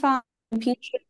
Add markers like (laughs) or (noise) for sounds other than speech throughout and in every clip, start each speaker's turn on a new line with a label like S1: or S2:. S1: 放你平时，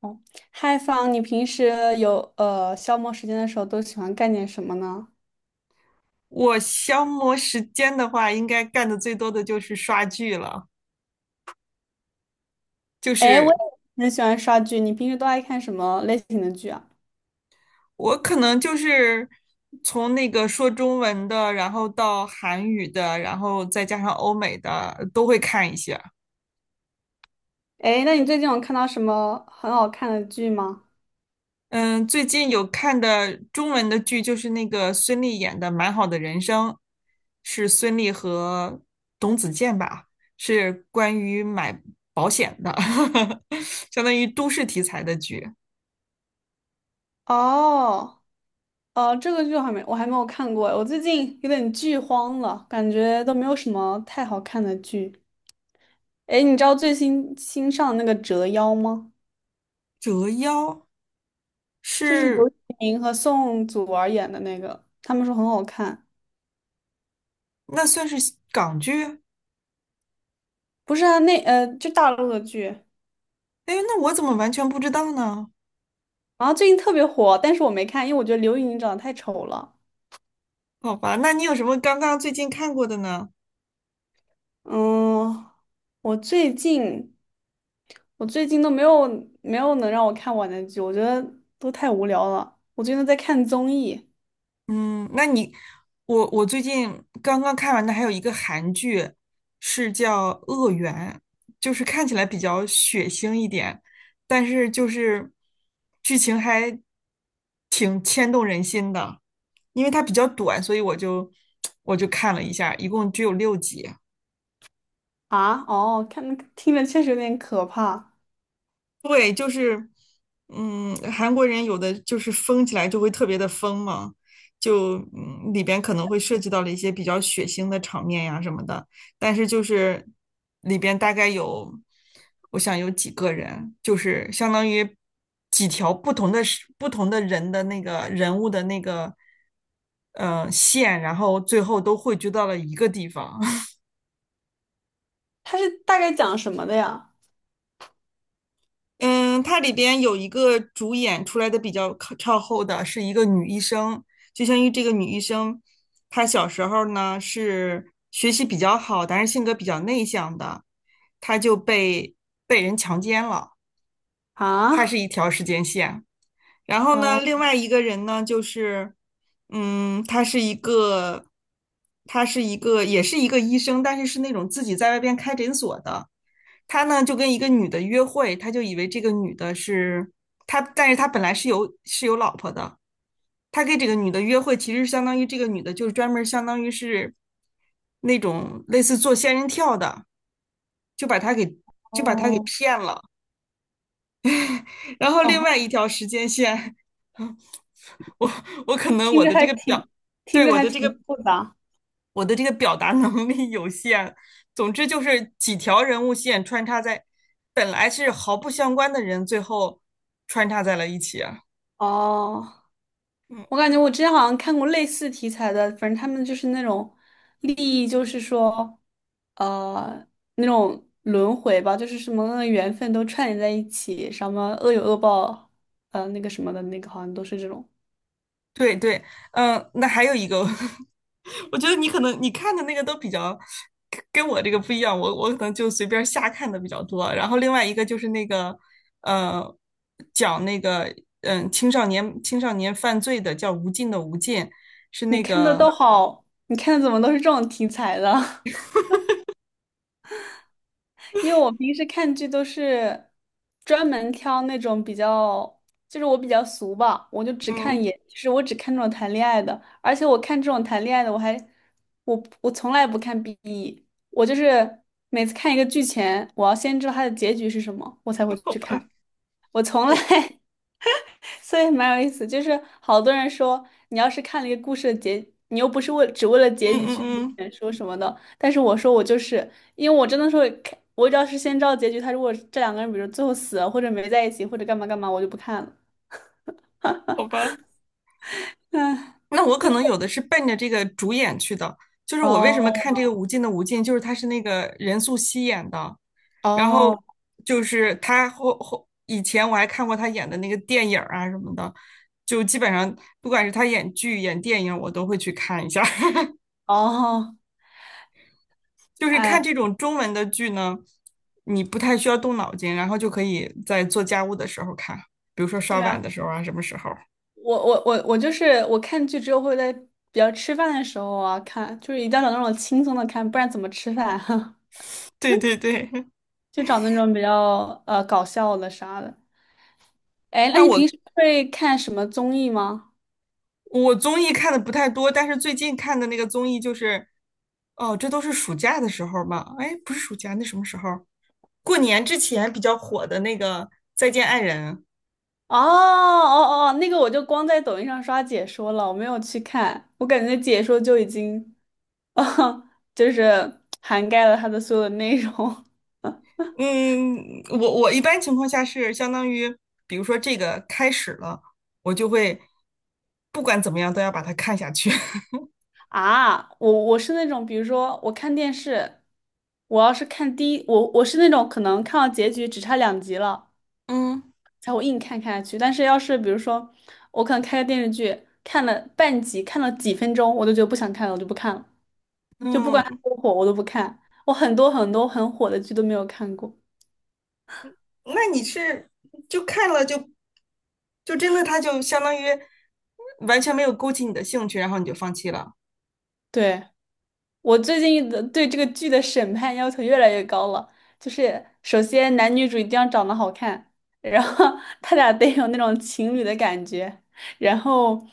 S1: 哦，嗨，放你平时有消磨时间的时候都喜欢干点什么呢？
S2: 我消磨时间的话，应该干的最多的就是刷剧了。就
S1: 哎，我
S2: 是
S1: 也很喜欢刷剧，你平时都爱看什么类型的剧啊？
S2: 我可能就是从那个说中文的，然后到韩语的，然后再加上欧美的，都会看一些。
S1: 哎，那你最近有看到什么很好看的剧吗？
S2: 嗯，最近有看的中文的剧就是那个孙俪演的《蛮好的人生》，是孙俪和董子健吧，是关于买保险的，(laughs) 相当于都市题材的剧。
S1: 哦，这个剧我还没有看过，我最近有点剧荒了，感觉都没有什么太好看的剧。哎，你知道最新新上的那个《折腰》吗？
S2: 折腰
S1: 就是刘
S2: 是
S1: 宇宁和宋祖儿演的那个，他们说很好看。
S2: 那算是西港剧？
S1: 不是啊，那就大陆的剧，
S2: 哎，那我怎么完全不知道呢？
S1: 然后最近特别火，但是我没看，因为我觉得刘宇宁长得太丑了。
S2: 好吧，那你有什么刚刚最近看过的呢？
S1: 嗯，我最近我最近都没有没有能让我看完的剧，我觉得都太无聊了。我最近都在看综艺
S2: 嗯，那你，我最近刚刚看完的还有一个韩剧，是叫《恶缘》，就是看起来比较血腥一点，但是就是剧情还挺牵动人心的，因为它比较短，所以我就 (tsk) 我就看了一下，一共只有六集。
S1: 啊。哦，看听着确实有点可怕。
S2: 对，就是，韩国人有的就是疯起来就会特别的疯嘛，就里边可能会涉及到了一些比较血腥的场面呀什么的，但是就是里边大概有，我想有几个人，就是相当于几条不同的是不同的人的那个人物的那个线，然后最后都汇聚到了一个地方。
S1: 它是大概讲什么的呀？
S2: 嗯，它里边有一个主演出来的比较靠后的是一个女医生，就相当于这个女医生，她小时候呢是学习比较好，但是性格比较内向的，她就被人强奸了，她是
S1: 啊，
S2: 一条时间线。然后呢，
S1: 哦
S2: 另外一个人呢就是，嗯，他是一个，他是一个，也是一个医生，但是是那种自己在外边开诊所的。他呢就跟一个女的约会，他就以为这个女的是他，但是他本来是有是有老婆的。他跟这个女的约会，其实相当于这个女的就是专门相当于是那种类似做仙人跳的，就把他给就把他给
S1: 哦
S2: 骗了。然后另
S1: 哦，
S2: 外一条时间线，(laughs) 我我可能
S1: 听
S2: 我
S1: 着
S2: 的这
S1: 还
S2: 个表，
S1: 挺听
S2: 对
S1: 着
S2: 我
S1: 还
S2: 的这
S1: 挺
S2: 个
S1: 复杂
S2: 我的这个表达能力有限。总之就是几条人物线穿插在，本来是毫不相关的人，最后穿插在了一起啊。
S1: 哦。
S2: 嗯，
S1: 我感觉我之前好像看过类似题材的，反正他们就是那种利益，就是说，呃，那种轮回吧，就是什么缘分都串联在一起，什么恶有恶报，那个什么的那个，好像都是这种。
S2: 对对，嗯，那还有一个，(laughs) 我觉得你可能你看的那个都比较跟我这个不一样，我可能就随便瞎看的比较多。然后另外一个就是那个，呃，讲那个青少年犯罪的叫《无尽的无尽》，是
S1: 你
S2: 那
S1: 看的
S2: 个
S1: 都好，你看的怎么都是这种题材的？(laughs) 因为我平时看剧都是专门挑那种比较，就是我比较俗吧，我就只看
S2: 嗯，
S1: 演，就是我只看这种谈恋爱的，而且我看这种谈恋爱的，我还我从来不看 BE，我就是每次看一个剧前，我要先知道它的结局是什么，我才会
S2: 好
S1: 去
S2: 吧，
S1: 看，我从来
S2: 我
S1: (laughs) 所以蛮有意思，就是好多人说，你要是看了一个故事的结，你又不是为只为了
S2: 嗯
S1: 结局
S2: 嗯
S1: 去读
S2: 嗯。
S1: 原书什么的。但是我说我就是，因为我真的说看，我只要是先知道结局，他如果这两个人比如最后死了，或者没在一起，或者干嘛干嘛，我就不看了。
S2: 好吧，
S1: 唉，
S2: 那我可能有的是奔着这个主演去的，就是我为什么看
S1: 哦
S2: 这个《无尽的无尽》，就是他是那个任素汐演的，然后
S1: 哦
S2: 就是他后以前我还看过他演的那个电影儿啊什么的，就基本上不管是他演剧演电影，我都会去看一下。(laughs)
S1: 哦，
S2: 就是
S1: 哎呀，
S2: 看这种中文的剧呢，你不太需要动脑筋，然后就可以在做家务的时候看，比如说刷
S1: 对
S2: 碗
S1: 啊，
S2: 的时候啊，什么时候？
S1: 我就是我看剧之后会在比较吃饭的时候啊看，就是一定要找那种轻松的看，不然怎么吃饭啊？
S2: (laughs) 对对对，
S1: (laughs) 就找那种比较搞笑的啥的。
S2: (laughs)
S1: 哎，那
S2: 那
S1: 你平
S2: 我
S1: 时会看什么综艺吗？
S2: 我综艺看的不太多，但是最近看的那个综艺就是，哦，这都是暑假的时候吧？哎，不是暑假，那什么时候？过年之前比较火的那个《再见爱人》。
S1: 哦哦哦，那个我就光在抖音上刷解说了，我没有去看，我感觉解说就已经，(laughs) 就是涵盖了它的所有的内容
S2: 嗯，我一般情况下是相当于，比如说这个开始了，我就会不管怎么样都要把它看下去。
S1: (laughs) 啊。我我是那种，比如说我看电视，我要是看第一，我我是那种可能看到结局只差两集了，
S2: (laughs) 嗯，
S1: 才会硬看看下去。但是要是比如说我可能开个电视剧，看了半集，看了几分钟，我就觉得不想看了，我就不看了。就不管它
S2: 嗯，
S1: 多火，我都不看。我很多很火的剧都没有看过。
S2: 那你是就看了就就真的它就相当于完全没有勾起你的兴趣，然后你就放弃了。
S1: 对，我最近的对这个剧的审判要求越来越高了，就是首先男女主一定要长得好看，然后 (laughs) 他俩得有那种情侣的感觉，然后。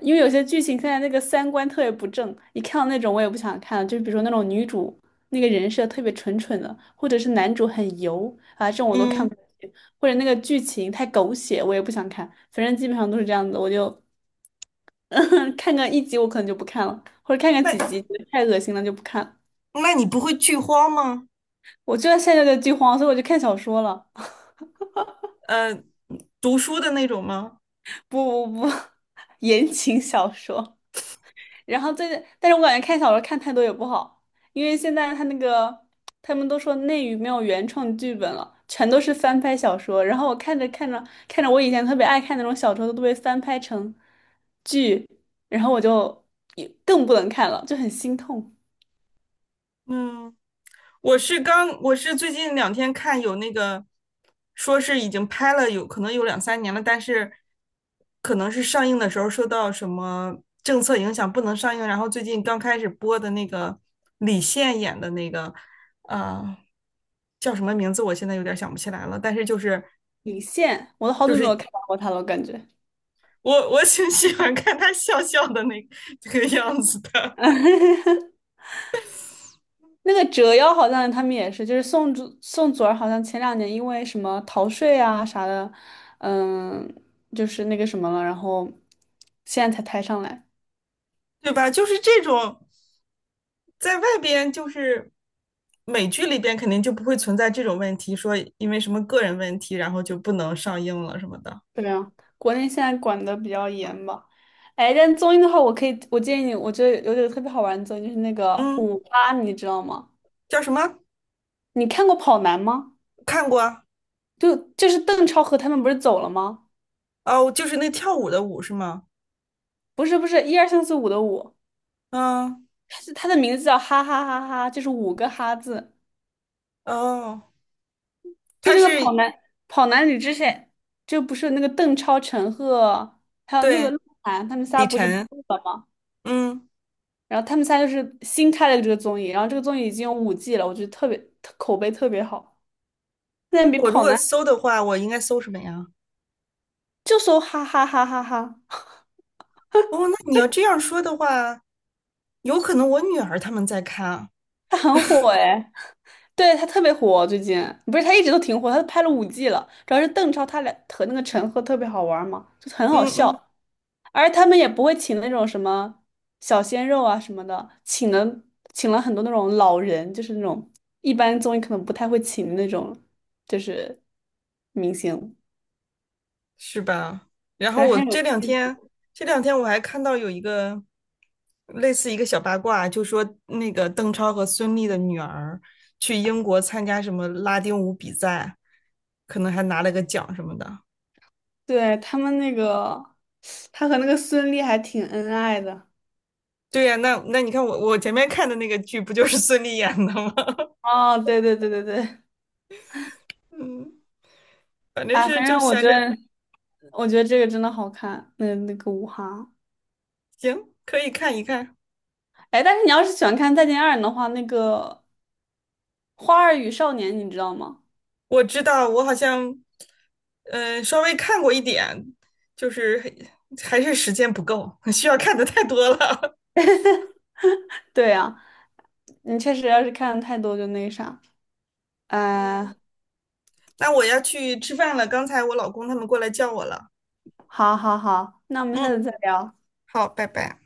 S1: 因为有些剧情现在那个三观特别不正，一看到那种我也不想看了。就比如说那种女主那个人设特别蠢蠢的，或者是男主很油啊，这种我都看
S2: 嗯，
S1: 不下去，或者那个剧情太狗血，我也不想看。反正基本上都是这样子，我就 (laughs) 看个一集我可能就不看了，或者看个几
S2: 那。
S1: 集觉得太恶心了就不看了。
S2: 那你不会剧荒吗？
S1: 我就在现在的剧荒，所以我就看小说了，
S2: 呃，读书的那种吗？
S1: (laughs) 不不不，(laughs) 言情小说。然后最近，但是我感觉看小说看太多也不好，因为现在他那个他们都说内娱没有原创剧本了，全都是翻拍小说。然后我看着看着，我以前特别爱看那种小说都被翻拍成剧，然后我就也更不能看了，就很心痛。
S2: 嗯，我是刚，我是最近两天看有那个，说是已经拍了有可能有两三年了，但是可能是上映的时候受到什么政策影响不能上映，然后最近刚开始播的那个李现演的那个，呃，叫什么名字？我现在有点想不起来了，但是就是
S1: 李现，我都好
S2: 就
S1: 久没
S2: 是
S1: 有看到过他了，我感觉。
S2: 我挺喜欢看他笑笑的那个这个样子的。
S1: (laughs) 那个折腰好像他们也是，就是宋祖儿好像前两年因为什么逃税啊啥的，嗯，就是那个什么了，然后现在才抬上来。
S2: 对吧？就是这种，在外边就是美剧里边肯定就不会存在这种问题，说因为什么个人问题，然后就不能上映了什么的。
S1: 对啊，国内现在管的比较严吧。哎，但综艺的话，我可以，我建议你，我觉得有点特别好玩的综艺，就是那个
S2: 嗯，
S1: 五八，你知道吗？
S2: 叫什么？
S1: 你看过《跑男》吗？
S2: 看过啊，
S1: 就是邓超和他们不是走了吗？
S2: 哦，就是那跳舞的舞是吗？
S1: 不是不是，一二三四五的五，
S2: 嗯，
S1: 他是他的名字叫哈哈哈哈，就是五个哈字。
S2: 哦，
S1: 就
S2: 他
S1: 那个
S2: 是
S1: 跑男里之前，就不是那个邓超、陈赫，还有那
S2: 对
S1: 个鹿晗，他们仨
S2: 李
S1: 不是不
S2: 晨。
S1: 录了吗？
S2: 嗯，
S1: 然后他们仨就是新开了这个综艺，然后这个综艺已经有五季了，我觉得特别特口碑特别好，现在比
S2: 我如
S1: 跑
S2: 果
S1: 男
S2: 搜的话，我应该搜什么呀？
S1: 就搜哈哈哈哈哈，(laughs)
S2: 哦，那你要这样说的话，有可能我女儿他们在看啊。
S1: 他很火哎，对他特别火最近，不是他一直都挺火，他都拍了五季了，主要是邓超他俩和那个陈赫特别好玩嘛，就很好
S2: 嗯嗯。
S1: 笑。而他们也不会请那种什么小鲜肉啊什么的，请了很多那种老人，就是那种一般综艺可能不太会请的那种，就是明星，
S2: 是吧？然
S1: 反
S2: 后
S1: 正
S2: 我
S1: 很有
S2: 这
S1: 意
S2: 两天，
S1: 思。
S2: 这两天我还看到有一个类似一个小八卦，就说那个邓超和孙俪的女儿去英国参加什么拉丁舞比赛，可能还拿了个奖什么的。
S1: 对，他们那个，他和那个孙俪还挺恩爱的。
S2: 对呀，那那你看我前面看的那个剧不就是孙俪演的吗？
S1: 哦，对对对对对，
S2: (laughs) 嗯，反正
S1: 啊，
S2: 是
S1: 反
S2: 就
S1: 正我觉
S2: 闲着，
S1: 得我觉得这个真的好看，那那个舞哈，
S2: 行，可以看一看。
S1: 哎，但是你要是喜欢看《再见爱人》的话，那个《花儿与少年》你知道吗？
S2: 我知道，我好像，嗯、稍微看过一点，就是还是时间不够，(laughs) 需要看的太多了。
S1: 对呀、你确实要是看的太多就那啥。
S2: (laughs) 嗯，
S1: 嗯，
S2: 那我要去吃饭了，刚才我老公他们过来叫我了。
S1: 好好好，那我们下
S2: 嗯，
S1: 次再聊。
S2: 好，拜拜。